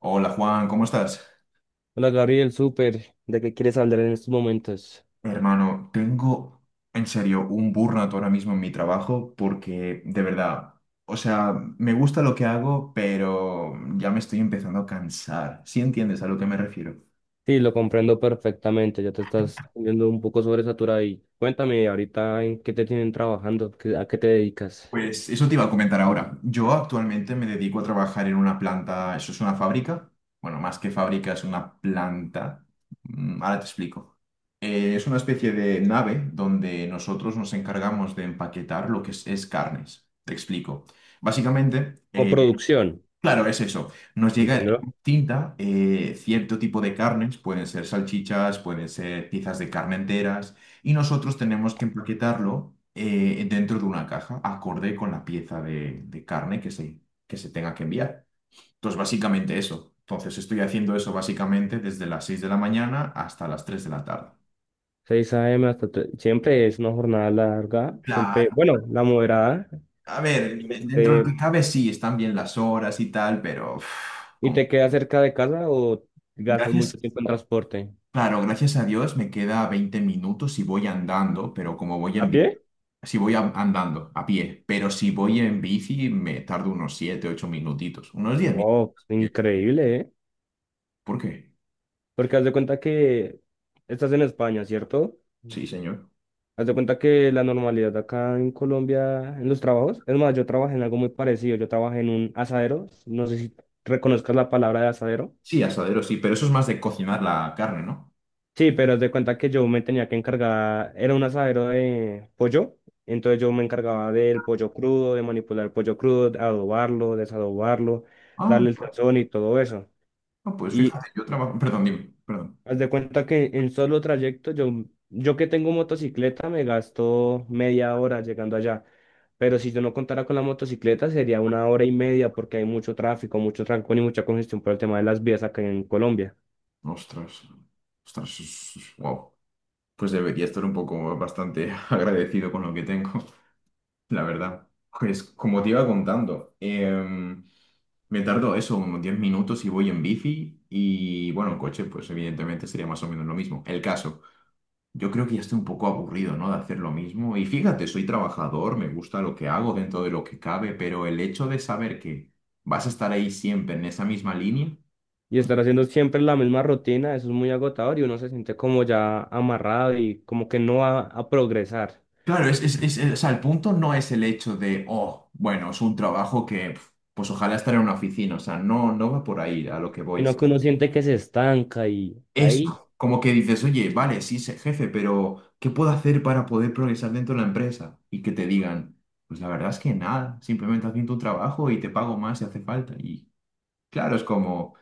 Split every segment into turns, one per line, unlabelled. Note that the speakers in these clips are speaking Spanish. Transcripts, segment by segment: Hola Juan, ¿cómo estás?
Hola Gabriel, súper. ¿De qué quieres hablar en estos momentos?
Hermano, tengo en serio un burnout ahora mismo en mi trabajo porque de verdad, o sea, me gusta lo que hago, pero ya me estoy empezando a cansar. ¿Sí entiendes a lo que me refiero?
Sí, lo comprendo perfectamente. Ya te estás viendo un poco sobresaturado y cuéntame ahorita en qué te tienen trabajando. ¿A qué te dedicas?
Pues eso te iba a comentar ahora. Yo actualmente me dedico a trabajar en una planta, eso es una fábrica, bueno, más que fábrica es una planta. Ahora te explico. Es una especie de nave donde nosotros nos encargamos de empaquetar lo que es carnes. Te explico. Básicamente,
Como producción,
claro, es eso. Nos llega
¿entiendo?
en tinta cierto tipo de carnes, pueden ser salchichas, pueden ser piezas de carne enteras, y nosotros tenemos que empaquetarlo dentro de una caja, acorde con la pieza de carne que se tenga que enviar. Entonces, básicamente eso. Entonces, estoy haciendo eso básicamente desde las 6 de la mañana hasta las 3 de la tarde.
6 a.m. Siempre es una jornada larga, siempre,
Claro,
bueno, la moderada.
a ver, dentro de lo
Este,
que cabe sí, están bien las horas y tal, pero uf,
¿Y
como.
te quedas cerca de casa o gastas
Gracias.
mucho tiempo en transporte?
Claro, gracias a Dios me queda 20 minutos si voy andando, pero como voy en
¿A
bici,
pie?
si andando a pie, pero si voy en bici me tardo unos 7, 8 minutitos, unos 10 minutos.
Wow, increíble, ¿eh?
¿Por qué?
Porque haz de cuenta que estás en España, ¿cierto?
Sí, señor.
Haz de cuenta que la normalidad acá en Colombia, en los trabajos, es más, yo trabajé en algo muy parecido, yo trabajé en un asadero, no sé si reconozcas la palabra de asadero.
Sí, asadero, sí, pero eso es más de cocinar la carne, ¿no?
Sí, pero haz de cuenta que yo me tenía que encargar, era un asadero de pollo, entonces yo me encargaba del pollo crudo, de manipular el pollo crudo, de adobarlo, desadobarlo,
Ah,
darle el sazón y todo eso.
ah, pues
Y
fíjate, yo trabajo. Perdón, dime, perdón.
Haz de cuenta que en solo trayecto, yo que tengo motocicleta, me gasto media hora llegando allá. Pero si yo no contara con la motocicleta, sería una hora y media porque hay mucho tráfico, mucho trancón y mucha congestión por el tema de las vías acá en Colombia.
Ostras, ostras, wow. Pues debería estar un poco bastante agradecido con lo que tengo. La verdad, pues como te iba contando, me tardo eso, unos 10 minutos y voy en bici y bueno, en coche pues evidentemente sería más o menos lo mismo. El caso, yo creo que ya estoy un poco aburrido, ¿no? De hacer lo mismo y fíjate, soy trabajador, me gusta lo que hago dentro de lo que cabe, pero el hecho de saber que vas a estar ahí siempre en esa misma línea,
Y estar haciendo siempre la misma rutina, eso es muy agotador y uno se siente como ya amarrado y como que no va a progresar,
claro, es o sea, el punto no es el hecho de, oh, bueno, es un trabajo que. Pf, pues ojalá estar en una oficina, o sea, no, no va por ahí a lo que voy.
sino que uno siente que se estanca y ahí
Eso, como que dices, oye, vale, sí, sé jefe, pero ¿qué puedo hacer para poder progresar dentro de la empresa? Y que te digan, pues la verdad es que nada, simplemente haz bien tu trabajo y te pago más si hace falta. Y claro, es como,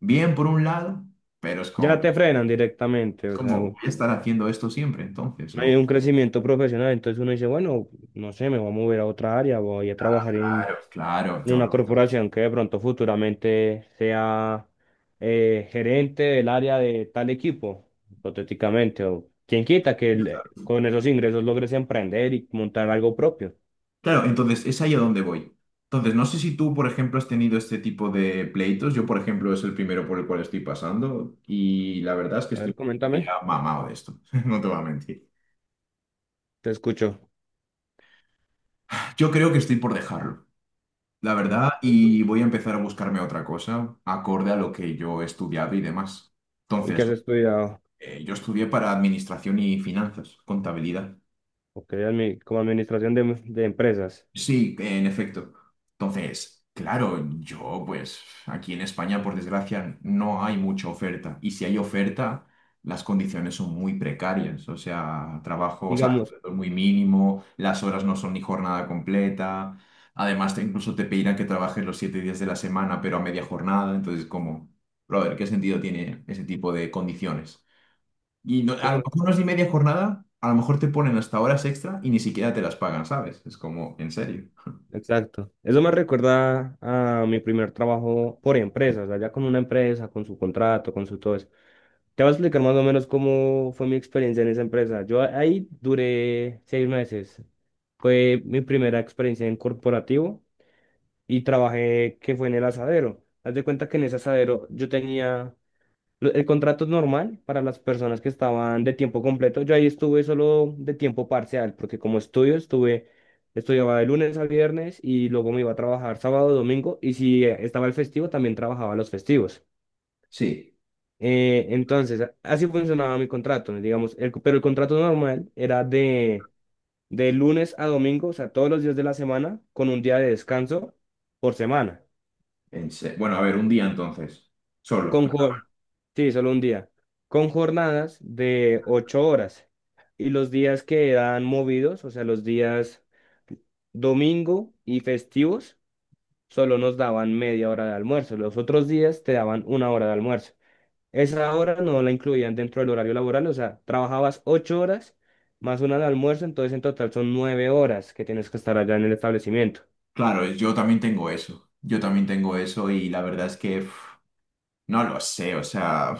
bien por un lado, pero es
ya
como,
te frenan directamente.
es
O
como
sea,
voy a estar haciendo esto siempre, entonces,
no hay
o,
un crecimiento profesional, entonces uno dice, bueno, no sé, me voy a mover a otra área, voy a trabajar
claro,
en
no.
una corporación que de pronto futuramente sea gerente del área de tal equipo, hipotéticamente, o quien quita con esos ingresos logres emprender y montar algo propio.
Claro, entonces es ahí a donde voy. Entonces, no sé si tú, por ejemplo, has tenido este tipo de pleitos. Yo, por ejemplo, es el primero por el cual estoy pasando y la verdad es que
A ver,
estoy
coméntame,
ya mamado de esto, no te voy a mentir.
te escucho.
Yo creo que estoy por dejarlo, la verdad, y voy a empezar a buscarme otra cosa acorde a lo que yo he estudiado y demás.
¿Y qué has
Entonces,
estudiado?
yo estudié para administración y finanzas, contabilidad.
Ok, como administración de empresas.
Sí, en efecto. Entonces, claro, yo pues aquí en España, por desgracia, no hay mucha oferta. Y si hay oferta, las condiciones son muy precarias. O sea, trabajo, o sea,
Digamos,
muy mínimo, las horas no son ni jornada completa. Además, incluso te pedirán que trabajes los 7 días de la semana, pero a media jornada. Entonces, como, brother, ¿qué sentido tiene ese tipo de condiciones? A lo mejor no es ni media jornada, a lo mejor te ponen hasta horas extra y ni siquiera te las pagan, ¿sabes? Es como, en serio.
exacto. Eso me recuerda a mi primer trabajo por empresas, allá con una empresa, con su contrato, con su todo eso. Te voy a explicar más o menos cómo fue mi experiencia en esa empresa. Ahí duré 6 meses. Fue mi primera experiencia en corporativo y trabajé que fue en el asadero. Haz de cuenta que en ese asadero el contrato es normal para las personas que estaban de tiempo completo. Yo ahí estuve solo de tiempo parcial, porque como estudio, estudiaba de lunes a viernes y luego me iba a trabajar sábado, domingo, y si estaba el festivo, también trabajaba los festivos.
Sí,
Entonces, así funcionaba mi contrato, ¿no? Digamos, pero el contrato normal era de lunes a domingo, o sea, todos los días de la semana, con un día de descanso por semana.
bueno, a ver, un día entonces, solo.
Con jor- sí, solo un día. Con jornadas de 8 horas. Y los días que dan movidos, o sea, los días domingo y festivos, solo nos daban media hora de almuerzo. Los otros días te daban una hora de almuerzo. Esa hora no la incluían dentro del horario laboral, o sea, trabajabas 8 horas más una de almuerzo, entonces en total son 9 horas que tienes que estar allá en el establecimiento.
Claro, yo también tengo eso, yo también tengo eso y la verdad es que uf, no lo sé, o sea,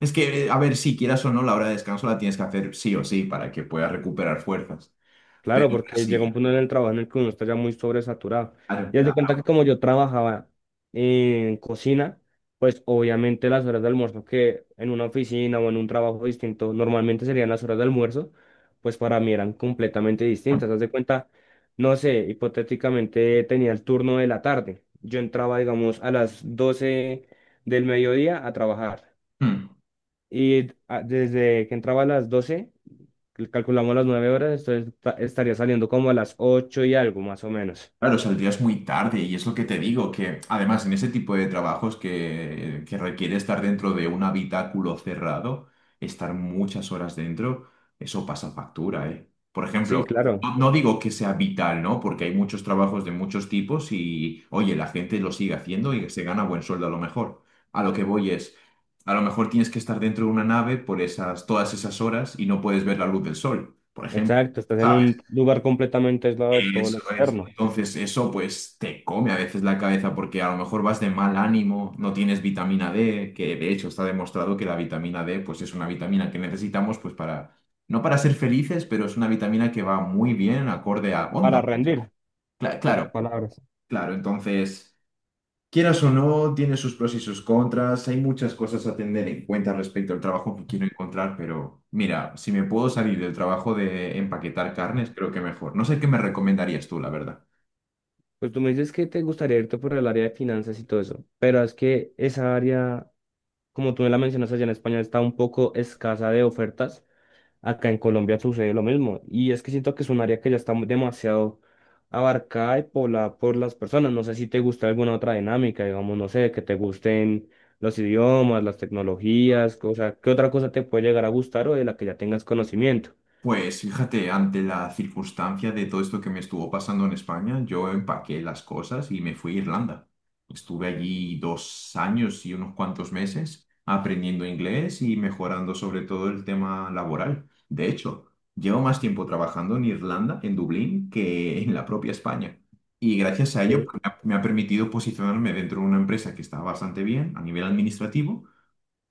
es que, a ver, si quieras o no, la hora de descanso la tienes que hacer sí o sí para que puedas recuperar fuerzas, pero
Claro, porque llega un
sí,
punto en el trabajo en el que uno está ya muy sobresaturado.
claro,
Y haz de
claro.
cuenta que como yo trabajaba en cocina, pues obviamente las horas de almuerzo que en una oficina o en un trabajo distinto normalmente serían las horas de almuerzo, pues para mí eran completamente distintas. Haz de cuenta, no sé, hipotéticamente tenía el turno de la tarde. Yo entraba, digamos, a las 12 del mediodía a trabajar.
Hmm.
Y desde que entraba a las 12 calculamos las 9 horas, entonces estaría saliendo como a las 8 y algo, más o menos.
Claro, saldrías muy tarde y es lo que te digo, que además en ese tipo de trabajos que requiere estar dentro de un habitáculo cerrado, estar muchas horas dentro, eso pasa factura, ¿eh? Por
Sí,
ejemplo,
claro,
no, no digo que sea vital, ¿no? Porque hay muchos trabajos de muchos tipos y, oye, la gente lo sigue haciendo y se gana buen sueldo a lo mejor. A lo que voy es, a lo mejor tienes que estar dentro de una nave por esas, todas esas horas y no puedes ver la luz del sol, por ejemplo.
exacto, estás en un lugar completamente aislado de todo
Eso
lo
es.
externo,
Entonces, eso pues te come a veces la cabeza porque a lo mejor vas de mal ánimo, no tienes vitamina D, que de hecho está demostrado que la vitamina D pues es una vitamina que necesitamos pues para, no para ser felices, pero es una vitamina que va muy bien acorde a onda.
para rendir, pocas
Claro,
palabras.
claro. Entonces, quieras o no, tiene sus pros y sus contras, hay muchas cosas a tener en cuenta respecto al trabajo que quiero encontrar, pero mira, si me puedo salir del trabajo de empaquetar carnes, creo que mejor. No sé qué me recomendarías tú, la verdad.
Pues tú me dices que te gustaría irte por el área de finanzas y todo eso, pero es que esa área, como tú me la mencionas allá en España, está un poco escasa de ofertas. Acá en Colombia sucede lo mismo. Y es que siento que es un área que ya está demasiado abarcada y poblada por las personas. No sé si te gusta alguna otra dinámica, digamos, no sé, que te gusten los idiomas, las tecnologías, o sea, ¿qué otra cosa te puede llegar a gustar o de la que ya tengas conocimiento?
Pues fíjate, ante la circunstancia de todo esto que me estuvo pasando en España, yo empaqué las cosas y me fui a Irlanda. Estuve allí 2 años y unos cuantos meses aprendiendo inglés y mejorando sobre todo el tema laboral. De hecho, llevo más tiempo trabajando en Irlanda, en Dublín, que en la propia España. Y gracias a ello,
Eh,
pues, me ha permitido posicionarme dentro de una empresa que está bastante bien a nivel administrativo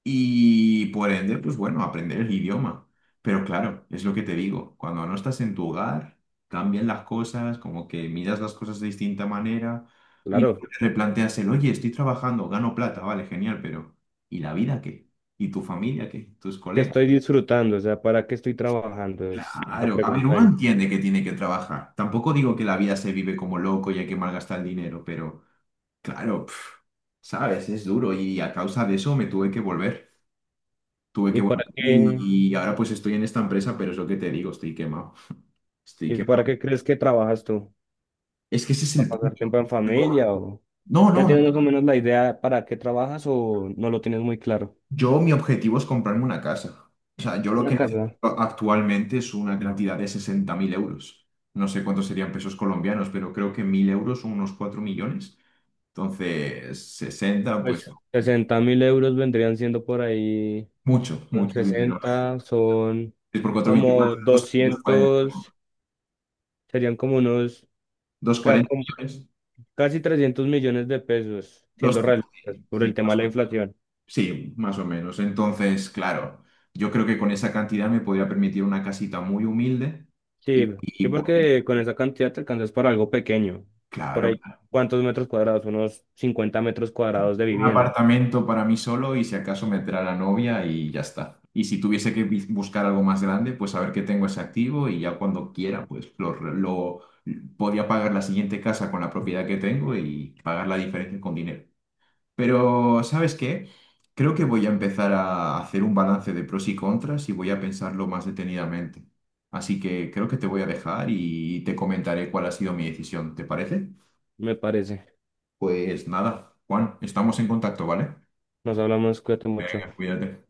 y por ende, pues bueno, aprender el idioma. Pero claro, es lo que te digo, cuando no estás en tu hogar, cambian las cosas, como que miras las cosas de distinta manera y
Claro,
luego te replanteas el, oye, estoy trabajando, gano plata, vale, genial, pero ¿y la vida qué? ¿Y tu familia qué? ¿Tus
que
colegas?
estoy disfrutando, o sea, ¿para qué estoy trabajando? Es la
Claro, a ver,
pregunta
uno
ahí.
entiende que tiene que trabajar. Tampoco digo que la vida se vive como loco y hay que malgastar el dinero, pero claro, pf, sabes, es duro y a causa de eso me tuve que volver. Tuve que
¿Y
volver
para qué,
y, ahora pues estoy en esta empresa, pero es lo que te digo, estoy quemado. Estoy
¿Y
quemado.
para qué crees que trabajas tú?
Es que ese es
¿Para
el
pasar
punto.
tiempo en
Yo-
familia o
no,
ya
no, no.
tienes más o menos la idea para qué trabajas o no lo tienes muy claro?
Yo mi objetivo es comprarme una casa. O sea, yo lo
Una
que
casa.
necesito actualmente es una cantidad de 60.000 euros. No sé cuántos serían pesos colombianos, pero creo que 1.000 euros son unos 4 millones. Entonces, sesenta pues
Pues 60.000 euros vendrían siendo por ahí.
mucho,
son
mucho dinero.
60 son
Es por cuatro,
como
veinticuatro, doscientos cuarenta
doscientos, serían como
240,
como
40 millones.
casi 300 millones de pesos, siendo
200,
realistas,
sí,
por el
sí.
tema de la inflación.
Sí, más o menos. Entonces, claro, yo creo que con esa cantidad me podría permitir una casita muy humilde
Sí,
y
sí,
pues,
porque con esa cantidad te alcanzas para algo pequeño. Por
claro,
ahí, ¿cuántos metros cuadrados? Unos 50 metros cuadrados de
un
vivienda,
apartamento para mí solo y si acaso meter a la novia y ya está. Y si tuviese que buscar algo más grande, pues saber que tengo ese activo y ya cuando quiera, pues lo podría pagar la siguiente casa con la propiedad que tengo y pagar la diferencia con dinero. Pero, ¿sabes qué? Creo que voy a empezar a hacer un balance de pros y contras y voy a pensarlo más detenidamente. Así que creo que te voy a dejar y te comentaré cuál ha sido mi decisión. ¿Te parece?
me parece.
Pues nada, Juan, estamos en contacto, ¿vale?
Nos hablamos, cuídate mucho.
Cuídate.